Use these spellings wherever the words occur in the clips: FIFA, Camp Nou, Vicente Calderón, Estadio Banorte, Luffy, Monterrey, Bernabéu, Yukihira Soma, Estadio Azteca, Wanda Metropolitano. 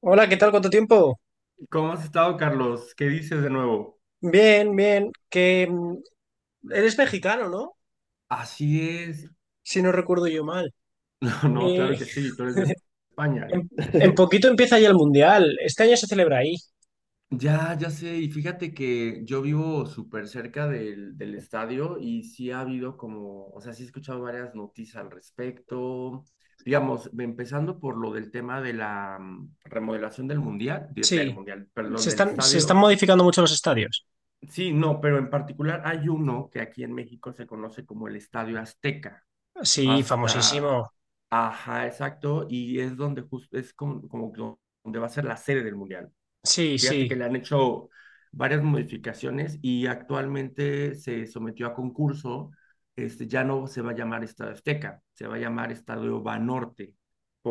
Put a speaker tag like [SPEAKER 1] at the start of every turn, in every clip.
[SPEAKER 1] Hola, ¿qué tal? ¿Cuánto tiempo?
[SPEAKER 2] ¿Cómo has estado, Carlos? ¿Qué dices de nuevo?
[SPEAKER 1] Bien, bien. Que eres mexicano, ¿no?
[SPEAKER 2] Así es.
[SPEAKER 1] Si no recuerdo yo mal.
[SPEAKER 2] No, no,
[SPEAKER 1] Eh,
[SPEAKER 2] claro que sí, tú eres de España.
[SPEAKER 1] en, en poquito empieza ya el Mundial. Este año se celebra ahí.
[SPEAKER 2] Ya, ya sé, y fíjate que yo vivo súper cerca del estadio y sí ha habido como, o sea, sí he escuchado varias noticias al respecto, digamos, empezando por lo del tema de la remodelación del mundial, de-
[SPEAKER 1] Sí,
[SPEAKER 2] del mundial, perdón,
[SPEAKER 1] se
[SPEAKER 2] del
[SPEAKER 1] están, se están
[SPEAKER 2] estadio.
[SPEAKER 1] modificando mucho los estadios.
[SPEAKER 2] Sí, no, pero en particular hay uno que aquí en México se conoce como el Estadio Azteca.
[SPEAKER 1] Sí, famosísimo.
[SPEAKER 2] Hasta. Ajá, exacto, y es donde justo es como, donde va a ser la sede del mundial.
[SPEAKER 1] Sí,
[SPEAKER 2] Fíjate que le
[SPEAKER 1] sí.
[SPEAKER 2] han hecho varias modificaciones y actualmente se sometió a concurso. Este ya no se va a llamar Estadio Azteca, se va a llamar Estadio Banorte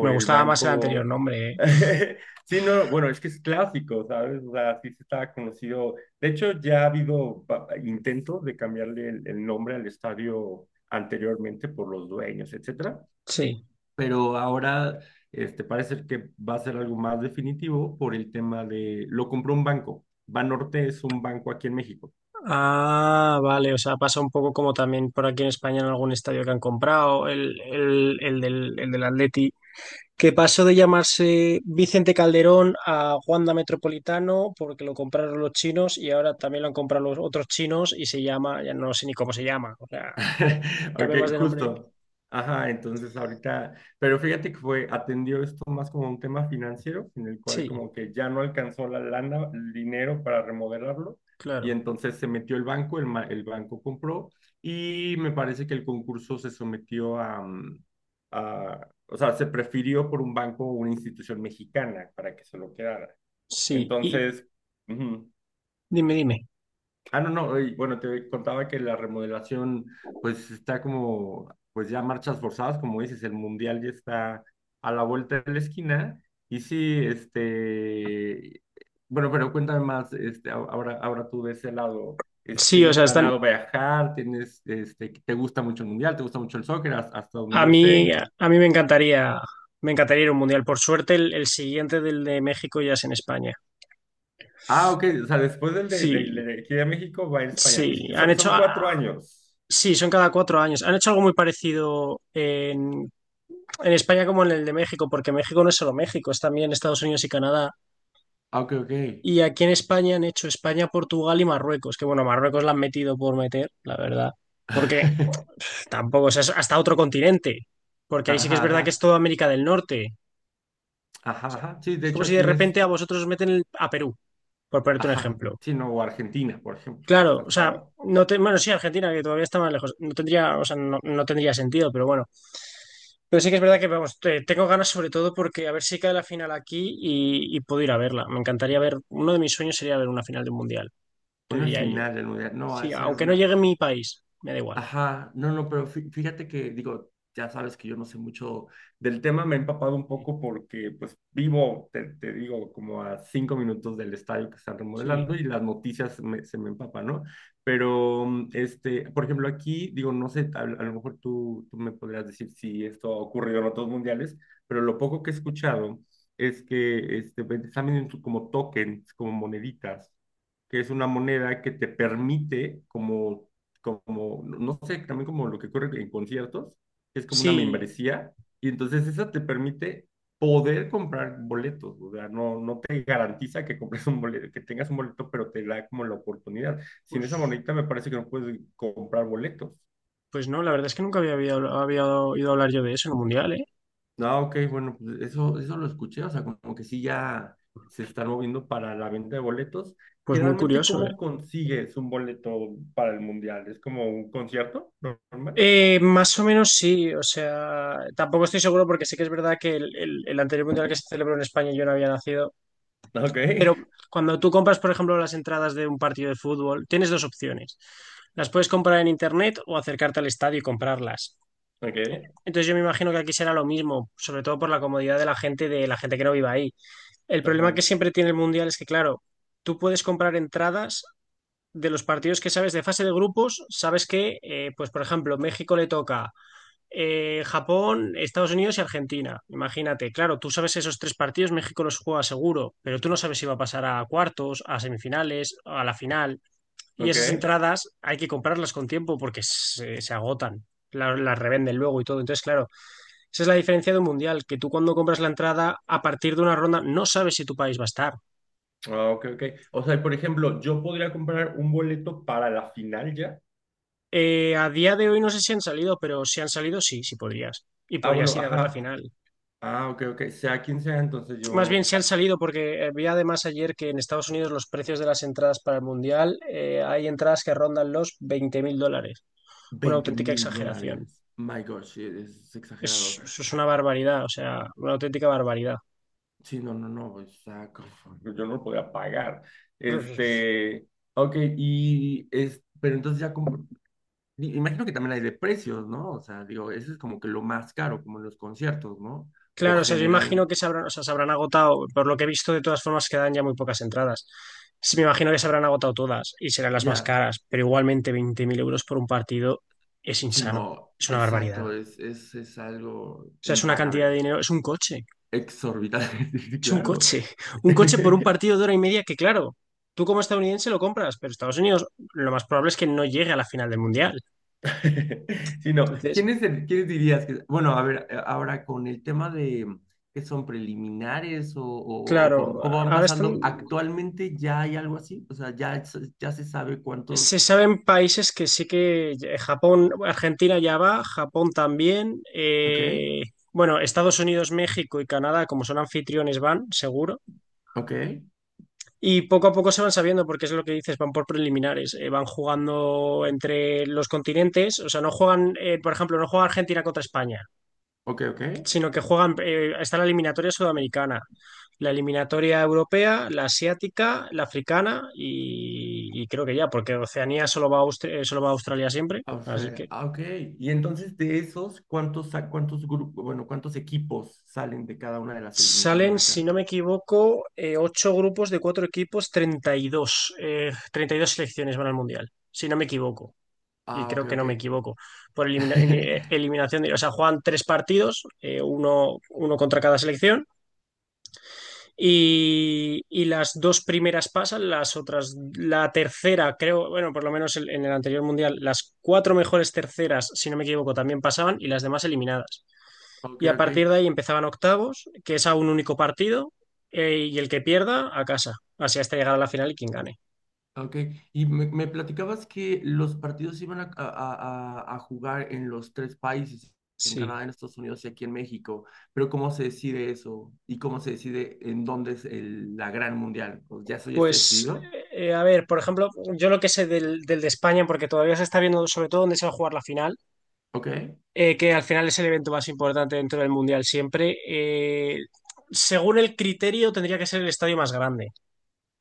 [SPEAKER 1] Me
[SPEAKER 2] el
[SPEAKER 1] gustaba más el anterior
[SPEAKER 2] banco.
[SPEAKER 1] nombre, ¿eh?
[SPEAKER 2] Sí, no, bueno, es que es clásico, ¿sabes? O sea, sí se estaba conocido. De hecho, ya ha habido intentos de cambiarle el nombre al estadio anteriormente por los dueños, etcétera,
[SPEAKER 1] Sí.
[SPEAKER 2] pero ahora este, parece que va a ser algo más definitivo por el tema de, lo compró un banco. Banorte es un banco aquí en México.
[SPEAKER 1] Ah, vale. O sea, pasa un poco como también por aquí en España en algún estadio que han comprado. El del Atleti que pasó de llamarse Vicente Calderón a Wanda Metropolitano porque lo compraron los chinos y ahora también lo han comprado los otros chinos y se llama, ya no sé ni cómo se llama, o sea,
[SPEAKER 2] Ok,
[SPEAKER 1] cambia más de nombre.
[SPEAKER 2] justo. Ajá, entonces ahorita, pero fíjate que fue, atendió esto más como un tema financiero, en el cual
[SPEAKER 1] Sí,
[SPEAKER 2] como que ya no alcanzó la lana, el dinero para remodelarlo, y
[SPEAKER 1] claro,
[SPEAKER 2] entonces se metió el banco, el banco compró, y me parece que el concurso se sometió a, a, o sea, se prefirió por un banco o una institución mexicana para que se lo quedara.
[SPEAKER 1] sí. Y
[SPEAKER 2] Entonces,
[SPEAKER 1] dime, dime.
[SPEAKER 2] ah, no, no, y bueno, te contaba que la remodelación pues está como, pues ya marchas forzadas, como dices, el mundial ya está a la vuelta de la esquina. Y sí, este, bueno, pero cuéntame más, este, ahora, ahora tú de ese lado,
[SPEAKER 1] Sí, o
[SPEAKER 2] ¿tienes
[SPEAKER 1] sea, están,
[SPEAKER 2] planeado viajar? ¿Tienes, este, que te gusta mucho el mundial? ¿Te gusta mucho el soccer? Hasta, donde
[SPEAKER 1] a
[SPEAKER 2] yo
[SPEAKER 1] mí,
[SPEAKER 2] sé.
[SPEAKER 1] a mí me encantaría ir a un mundial. Por suerte, el siguiente del de México ya es en España.
[SPEAKER 2] Ah, ok, o sea, después del
[SPEAKER 1] Sí,
[SPEAKER 2] de aquí de México va a ir a España. Y
[SPEAKER 1] sí, han
[SPEAKER 2] son,
[SPEAKER 1] hecho,
[SPEAKER 2] son 4 años.
[SPEAKER 1] sí, son cada 4 años. Han hecho algo muy parecido en España como en el de México, porque México no es solo México, es también Estados Unidos y Canadá.
[SPEAKER 2] Ah, ok, ok.
[SPEAKER 1] Y aquí en España han hecho España, Portugal y Marruecos, que bueno, Marruecos la han metido por meter, la verdad, porque tampoco, o sea, es hasta otro continente, porque ahí sí que es
[SPEAKER 2] Ajá,
[SPEAKER 1] verdad que es
[SPEAKER 2] ajá.
[SPEAKER 1] toda América del Norte.
[SPEAKER 2] Ajá, ajá. Sí, de
[SPEAKER 1] Es
[SPEAKER 2] hecho
[SPEAKER 1] como si de
[SPEAKER 2] aquí es,
[SPEAKER 1] repente a vosotros os meten a Perú, por ponerte un
[SPEAKER 2] ajá,
[SPEAKER 1] ejemplo.
[SPEAKER 2] sí, no, o Argentina, por ejemplo, que
[SPEAKER 1] Claro,
[SPEAKER 2] esta
[SPEAKER 1] o sea,
[SPEAKER 2] estaba
[SPEAKER 1] no te, bueno, sí, Argentina, que todavía está más lejos, no tendría, o sea, no, no tendría sentido, pero bueno, pero sí que es verdad que, vamos, tengo ganas sobre todo porque a ver si cae la final aquí y puedo ir a verla. Me encantaría ver, uno de mis sueños sería ver una final de un mundial, te
[SPEAKER 2] una
[SPEAKER 1] diría
[SPEAKER 2] final
[SPEAKER 1] yo.
[SPEAKER 2] del mundial. No va a
[SPEAKER 1] Sí,
[SPEAKER 2] ser
[SPEAKER 1] aunque no
[SPEAKER 2] una.
[SPEAKER 1] llegue a mi país, me da igual.
[SPEAKER 2] Ajá, no, no, pero fíjate que, digo, ya sabes que yo no sé mucho del tema, me he empapado un
[SPEAKER 1] Sí,
[SPEAKER 2] poco porque, pues, vivo, te digo, como a 5 minutos del estadio que están
[SPEAKER 1] sí,
[SPEAKER 2] remodelando y las noticias se me empapan, ¿no? Pero, este, por ejemplo, aquí, digo, no sé, a lo mejor tú me podrías decir si esto ha ocurrido en otros mundiales, pero lo poco que he escuchado es que, este, están vendiendo como tokens, como moneditas que es una moneda que te permite como no sé, también como lo que ocurre en conciertos, que es como una
[SPEAKER 1] sí,
[SPEAKER 2] membresía, y entonces esa te permite poder comprar boletos, o sea, no, no te garantiza que compres un boleto, que tengas un boleto, pero te da como la oportunidad. Sin esa
[SPEAKER 1] pues,
[SPEAKER 2] monedita me parece que no puedes comprar boletos.
[SPEAKER 1] pues no, la verdad es que nunca había oído hablar yo de eso en un mundial, ¿eh?
[SPEAKER 2] Ah, ok, bueno, pues eso lo escuché, o sea, como que sí ya se están moviendo para la venta de boletos.
[SPEAKER 1] Pues muy
[SPEAKER 2] Generalmente,
[SPEAKER 1] curioso, ¿eh?
[SPEAKER 2] ¿cómo consigues un boleto para el mundial? ¿Es como un concierto normal?
[SPEAKER 1] Más o menos sí, o sea, tampoco estoy seguro porque sí que es verdad que el anterior mundial que se celebró en España yo no había nacido.
[SPEAKER 2] Ok,
[SPEAKER 1] Pero cuando tú compras, por ejemplo, las entradas de un partido de fútbol, tienes dos opciones. Las puedes comprar en internet o acercarte al estadio y comprarlas.
[SPEAKER 2] ok.
[SPEAKER 1] Entonces yo me imagino que aquí será lo mismo, sobre todo por la comodidad de la gente que no viva ahí. El problema que
[SPEAKER 2] Ajá,
[SPEAKER 1] siempre tiene el Mundial es que, claro, tú puedes comprar entradas de los partidos que sabes de fase de grupos, sabes que, pues por ejemplo, México le toca Japón, Estados Unidos y Argentina. Imagínate, claro, tú sabes esos tres partidos, México los juega seguro, pero tú no sabes si va a pasar a cuartos, a semifinales, a la final. Y esas
[SPEAKER 2] ok.
[SPEAKER 1] entradas hay que comprarlas con tiempo porque se agotan. Las revenden luego y todo. Entonces, claro, esa es la diferencia de un mundial, que tú cuando compras la entrada, a partir de una ronda, no sabes si tu país va a estar.
[SPEAKER 2] Ah, ok, ok. O sea, por ejemplo, yo podría comprar un boleto para la final ya.
[SPEAKER 1] A día de hoy no sé si han salido, pero si han salido, sí, sí podrías. Y
[SPEAKER 2] Ah,
[SPEAKER 1] podrías
[SPEAKER 2] bueno,
[SPEAKER 1] ir a ver la
[SPEAKER 2] ajá.
[SPEAKER 1] final.
[SPEAKER 2] Ah, ok, ok. Sea quien sea, entonces
[SPEAKER 1] Más
[SPEAKER 2] yo
[SPEAKER 1] bien se han salido porque vi además ayer que en Estados Unidos los precios de las entradas para el Mundial, hay entradas que rondan los 20.000 dólares. Una
[SPEAKER 2] veinte
[SPEAKER 1] auténtica
[SPEAKER 2] mil
[SPEAKER 1] exageración.
[SPEAKER 2] dólares. My gosh, sí, es exagerado.
[SPEAKER 1] Eso es una barbaridad, o sea, una auténtica barbaridad.
[SPEAKER 2] Sí, no, no, no. O sea, yo no lo podía pagar. Este, ok, y es, pero entonces ya como, imagino que también hay de precios, ¿no? O sea, digo, eso es como que lo más caro, como en los conciertos, ¿no? O
[SPEAKER 1] Claro, o sea, yo
[SPEAKER 2] general,
[SPEAKER 1] imagino que se habrán, o sea, se habrán agotado, por lo que he visto, de todas formas quedan ya muy pocas entradas. Sí, me imagino que se habrán agotado todas y serán las más
[SPEAKER 2] ya.
[SPEAKER 1] caras, pero igualmente 20.000 euros por un partido es insano,
[SPEAKER 2] Sino,
[SPEAKER 1] es una barbaridad.
[SPEAKER 2] exacto,
[SPEAKER 1] O
[SPEAKER 2] es algo
[SPEAKER 1] sea, es una cantidad
[SPEAKER 2] impagable,
[SPEAKER 1] de dinero, es un coche.
[SPEAKER 2] exorbitante, sí, sí,
[SPEAKER 1] Es un
[SPEAKER 2] claro.
[SPEAKER 1] coche. Un coche por un partido de hora y media que, claro, tú como estadounidense lo compras, pero Estados Unidos lo más probable es que no llegue a la final del Mundial.
[SPEAKER 2] Sino,
[SPEAKER 1] Entonces,
[SPEAKER 2] ¿quiénes, quiénes dirías que, bueno, a ver, ahora con el tema de que son preliminares o, o
[SPEAKER 1] claro,
[SPEAKER 2] cómo, cómo van
[SPEAKER 1] ahora están...
[SPEAKER 2] pasando, actualmente ya hay algo así, o sea, ya, ya se sabe
[SPEAKER 1] Se
[SPEAKER 2] cuántos,
[SPEAKER 1] saben países que sí que... Japón, Argentina ya va, Japón también.
[SPEAKER 2] ok,
[SPEAKER 1] Bueno, Estados Unidos, México y Canadá, como son anfitriones, van, seguro.
[SPEAKER 2] ok,
[SPEAKER 1] Y poco a poco se van sabiendo, porque es lo que dices, van por preliminares, van jugando entre los continentes, o sea, no juegan, por ejemplo, no juega Argentina contra España,
[SPEAKER 2] ok, ok.
[SPEAKER 1] sino que juegan, está la eliminatoria sudamericana, la eliminatoria europea, la asiática, la africana y creo que ya, porque Oceanía solo va a, solo va a Australia siempre,
[SPEAKER 2] O
[SPEAKER 1] así
[SPEAKER 2] sea,
[SPEAKER 1] que
[SPEAKER 2] ah, ok. Y entonces de esos, ¿cuántos, cuántos grupos, bueno, cuántos equipos salen de cada una de las eliminatorias? Bueno,
[SPEAKER 1] salen,
[SPEAKER 2] de
[SPEAKER 1] si
[SPEAKER 2] cada.
[SPEAKER 1] no me equivoco, ocho grupos de cuatro equipos, 32, 32 selecciones van al Mundial, si no me equivoco. Y
[SPEAKER 2] Ah, ok,
[SPEAKER 1] creo que
[SPEAKER 2] ok.
[SPEAKER 1] no me equivoco. Por eliminación, o sea, juegan tres partidos, uno contra cada selección. Y las dos primeras pasan, las otras, la tercera, creo, bueno, por lo menos en, el anterior mundial, las cuatro mejores terceras, si no me equivoco, también pasaban y las demás eliminadas.
[SPEAKER 2] Ok,
[SPEAKER 1] Y a
[SPEAKER 2] ok,
[SPEAKER 1] partir de ahí empezaban octavos, que es a un único partido, y el que pierda, a casa. Así hasta llegar a la final y quien gane.
[SPEAKER 2] ok. Y me platicabas que los partidos se iban a jugar en los tres países, en Canadá,
[SPEAKER 1] Sí.
[SPEAKER 2] en Estados Unidos y aquí en México, pero ¿cómo se decide eso? ¿Y cómo se decide en dónde es la gran mundial? Pues ya eso ya está
[SPEAKER 1] Pues,
[SPEAKER 2] decidido.
[SPEAKER 1] a ver, por ejemplo, yo lo que sé del de España, porque todavía se está viendo sobre todo dónde se va a jugar la final.
[SPEAKER 2] Ok.
[SPEAKER 1] Que al final es el evento más importante dentro del Mundial siempre. Según el criterio, tendría que ser el estadio más grande.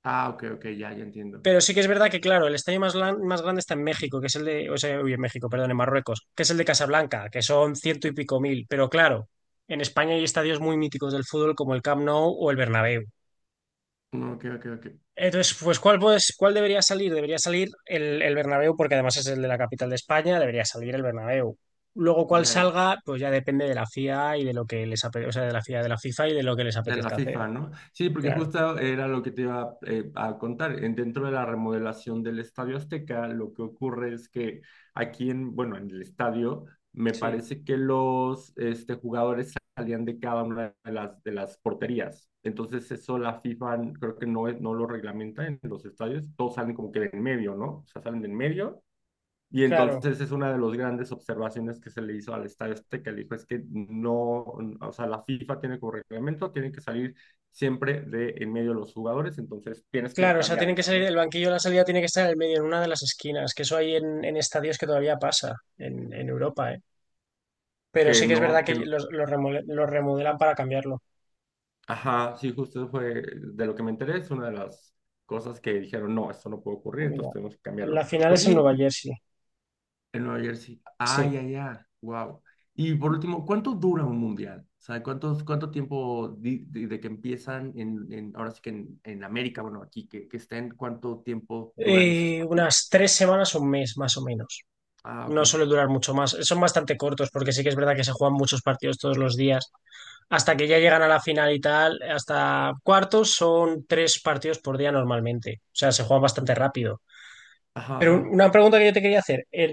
[SPEAKER 2] Ah, ok, ok, ya, ya entiendo.
[SPEAKER 1] Pero sí que es verdad que, claro, el estadio más grande está en México, que es el de, o sea, uy, en México, perdón, en Marruecos, que es el de Casablanca, que son ciento y pico mil. Pero claro, en España hay estadios muy míticos del fútbol como el Camp Nou o el Bernabéu.
[SPEAKER 2] No, ok, ok, ok.
[SPEAKER 1] Entonces, pues, cuál debería salir? Debería salir el Bernabéu, porque además es el de la capital de España, debería salir el Bernabéu. Luego, cuál
[SPEAKER 2] Ya,
[SPEAKER 1] salga, pues ya depende de la FIA y de lo que les apetezca, o sea, de la FIA, de la FIFA y de lo que les
[SPEAKER 2] de la
[SPEAKER 1] apetezca hacer.
[SPEAKER 2] FIFA, ¿no? Sí, porque
[SPEAKER 1] Claro,
[SPEAKER 2] justo era lo que te iba a contar. Dentro de la remodelación del Estadio Azteca, lo que ocurre es que aquí en, bueno, en el estadio, me
[SPEAKER 1] sí,
[SPEAKER 2] parece que los este, jugadores salían de cada una de de las porterías. Entonces eso la FIFA creo que no, no lo reglamenta en los estadios. Todos salen como que de en medio, ¿no? O sea, salen de en medio y
[SPEAKER 1] claro,
[SPEAKER 2] entonces es una de las grandes observaciones que se le hizo al Estadio Azteca. Le dijo, es que no, o sea, la FIFA tiene como reglamento, tiene que salir siempre de en medio de los jugadores, entonces tienes que
[SPEAKER 1] claro, o sea,
[SPEAKER 2] cambiar
[SPEAKER 1] tienen que
[SPEAKER 2] eso,
[SPEAKER 1] salir,
[SPEAKER 2] ¿no?
[SPEAKER 1] el
[SPEAKER 2] Pues,
[SPEAKER 1] banquillo de la salida tiene que estar en el medio, en una de las esquinas, que eso hay en, estadios que todavía pasa en Europa, ¿eh? Pero
[SPEAKER 2] que
[SPEAKER 1] sí que es
[SPEAKER 2] no,
[SPEAKER 1] verdad
[SPEAKER 2] que,
[SPEAKER 1] que
[SPEAKER 2] no,
[SPEAKER 1] los remodelan para cambiarlo.
[SPEAKER 2] ajá, sí, justo eso fue de lo que me enteré, es una de las cosas que dijeron, no, esto no puede ocurrir,
[SPEAKER 1] Mira,
[SPEAKER 2] entonces tenemos que cambiarlo.
[SPEAKER 1] la final es en
[SPEAKER 2] Oye,
[SPEAKER 1] Nueva
[SPEAKER 2] y,
[SPEAKER 1] Jersey,
[SPEAKER 2] en Nueva Jersey,
[SPEAKER 1] sí.
[SPEAKER 2] ay, ay, ay. Wow. Y por último, ¿cuánto dura un mundial? O sea, ¿cuántos, cuánto tiempo de que empiezan en, ahora sí que en América, bueno, aquí que estén, cuánto tiempo duran esos
[SPEAKER 1] Unas
[SPEAKER 2] partidos?
[SPEAKER 1] 3 semanas o un mes, más o menos.
[SPEAKER 2] Ah, ok.
[SPEAKER 1] No suele durar mucho más. Son bastante cortos porque sí que es verdad que se juegan muchos partidos todos los días. Hasta que ya llegan a la final y tal, hasta cuartos son tres partidos por día normalmente. O sea, se juega bastante rápido.
[SPEAKER 2] Ajá,
[SPEAKER 1] Pero
[SPEAKER 2] ajá.
[SPEAKER 1] una pregunta que yo te quería hacer. En,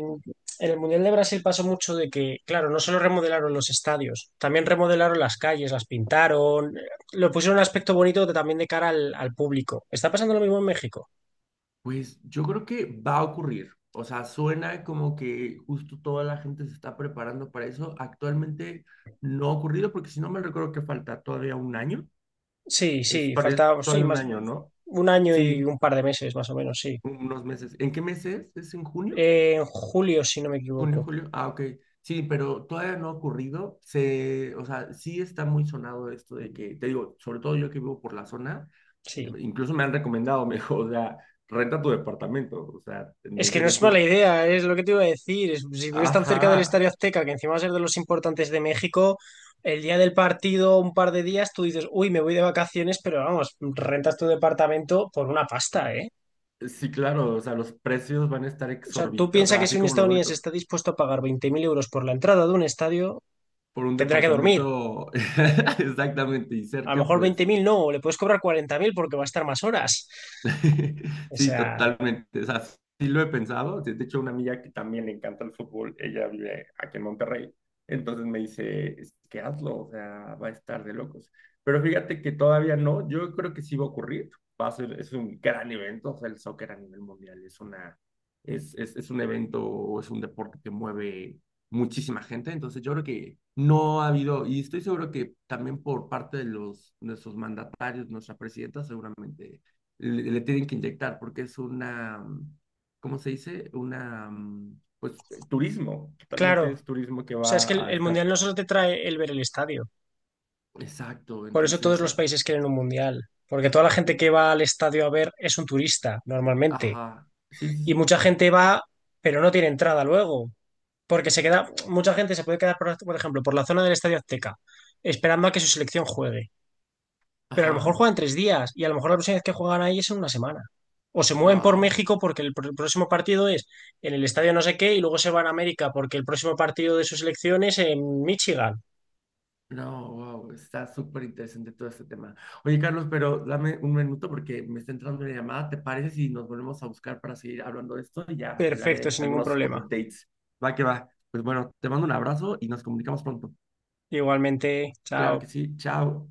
[SPEAKER 1] en el Mundial de Brasil pasó mucho de que, claro, no solo remodelaron los estadios, también remodelaron las calles, las pintaron, lo pusieron un aspecto bonito también de cara al público. ¿Está pasando lo mismo en México?
[SPEAKER 2] Pues yo creo que va a ocurrir. O sea, suena como que justo toda la gente se está preparando para eso. Actualmente no ha ocurrido porque si no me recuerdo que falta todavía un año.
[SPEAKER 1] Sí,
[SPEAKER 2] Es,
[SPEAKER 1] sí,
[SPEAKER 2] parece
[SPEAKER 1] falta, sí,
[SPEAKER 2] todavía un
[SPEAKER 1] más
[SPEAKER 2] año, ¿no?
[SPEAKER 1] un año y
[SPEAKER 2] Sí,
[SPEAKER 1] un par de meses, más o menos, sí.
[SPEAKER 2] unos meses. ¿En qué meses? ¿Es en junio?
[SPEAKER 1] En julio, si no me
[SPEAKER 2] ¿Junio,
[SPEAKER 1] equivoco.
[SPEAKER 2] julio? Ah, ok. Sí, pero todavía no ha ocurrido. Se, o sea, sí está muy sonado esto de que, te digo, sobre todo yo que vivo por la zona,
[SPEAKER 1] Sí.
[SPEAKER 2] incluso me han recomendado, me dijo, o sea, renta tu departamento. O sea,
[SPEAKER 1] Es
[SPEAKER 2] en
[SPEAKER 1] que no
[SPEAKER 2] serio,
[SPEAKER 1] es mala
[SPEAKER 2] tú.
[SPEAKER 1] idea, es lo que te iba a decir. Si vives tan cerca del
[SPEAKER 2] Ajá.
[SPEAKER 1] Estadio Azteca, que encima va a ser de los importantes de México, el día del partido, un par de días, tú dices, uy, me voy de vacaciones, pero vamos, rentas tu departamento por una pasta, ¿eh?
[SPEAKER 2] Sí, claro, o sea, los precios van a estar
[SPEAKER 1] O sea, tú
[SPEAKER 2] exorbitantes, o
[SPEAKER 1] piensas
[SPEAKER 2] sea,
[SPEAKER 1] que si
[SPEAKER 2] así
[SPEAKER 1] un
[SPEAKER 2] como los
[SPEAKER 1] estadounidense
[SPEAKER 2] boletos
[SPEAKER 1] está dispuesto a pagar 20.000 euros por la entrada de un estadio,
[SPEAKER 2] por un
[SPEAKER 1] tendrá que dormir.
[SPEAKER 2] departamento exactamente y
[SPEAKER 1] A lo
[SPEAKER 2] cerca,
[SPEAKER 1] mejor
[SPEAKER 2] pues,
[SPEAKER 1] 20.000 no, o le puedes cobrar 40.000 porque va a estar más horas. O
[SPEAKER 2] sí,
[SPEAKER 1] sea,
[SPEAKER 2] totalmente. O sea, sí lo he pensado. De hecho, una amiga que también le encanta el fútbol, ella vive aquí en Monterrey. Entonces me dice, es que hazlo, o sea, va a estar de locos. Pero fíjate que todavía no, yo creo que sí va a ocurrir. Va a ser, es un gran evento, o sea, el soccer a nivel mundial es una, es un evento, es un deporte que mueve muchísima gente. Entonces yo creo que no ha habido, y estoy seguro que también por parte de nuestros mandatarios, nuestra presidenta, seguramente le tienen que inyectar porque es una, ¿cómo se dice? Una, pues turismo,
[SPEAKER 1] claro.
[SPEAKER 2] totalmente es turismo que
[SPEAKER 1] O sea, es que el,
[SPEAKER 2] va a
[SPEAKER 1] el
[SPEAKER 2] estar.
[SPEAKER 1] mundial no solo te trae el ver el estadio.
[SPEAKER 2] Exacto,
[SPEAKER 1] Por eso todos
[SPEAKER 2] entonces,
[SPEAKER 1] los países quieren un mundial. Porque toda la gente
[SPEAKER 2] eh,
[SPEAKER 1] que va al estadio a ver es un turista, normalmente.
[SPEAKER 2] ajá, sí, sí,
[SPEAKER 1] Y
[SPEAKER 2] sí,
[SPEAKER 1] mucha gente va, pero no tiene entrada luego. Porque se queda, mucha gente se puede quedar, por ejemplo, por la zona del Estadio Azteca, esperando a que su selección juegue. Pero a lo mejor
[SPEAKER 2] ajá,
[SPEAKER 1] juegan tres días y a lo mejor la próxima vez que juegan ahí es en una semana. O se mueven por
[SPEAKER 2] wow.
[SPEAKER 1] México porque el próximo partido es en el estadio no sé qué y luego se van a América porque el próximo partido de su selección es en Michigan.
[SPEAKER 2] No, wow, está súper interesante todo este tema. Oye, Carlos, pero dame un minuto porque me está entrando una llamada. ¿Te parece si nos volvemos a buscar para seguir hablando de esto? Y ya te
[SPEAKER 1] Perfecto,
[SPEAKER 2] daré
[SPEAKER 1] sin ningún
[SPEAKER 2] algunos
[SPEAKER 1] problema.
[SPEAKER 2] updates. Va que va. Pues bueno, te mando un abrazo y nos comunicamos pronto.
[SPEAKER 1] Igualmente,
[SPEAKER 2] Claro que
[SPEAKER 1] chao.
[SPEAKER 2] sí. Chao.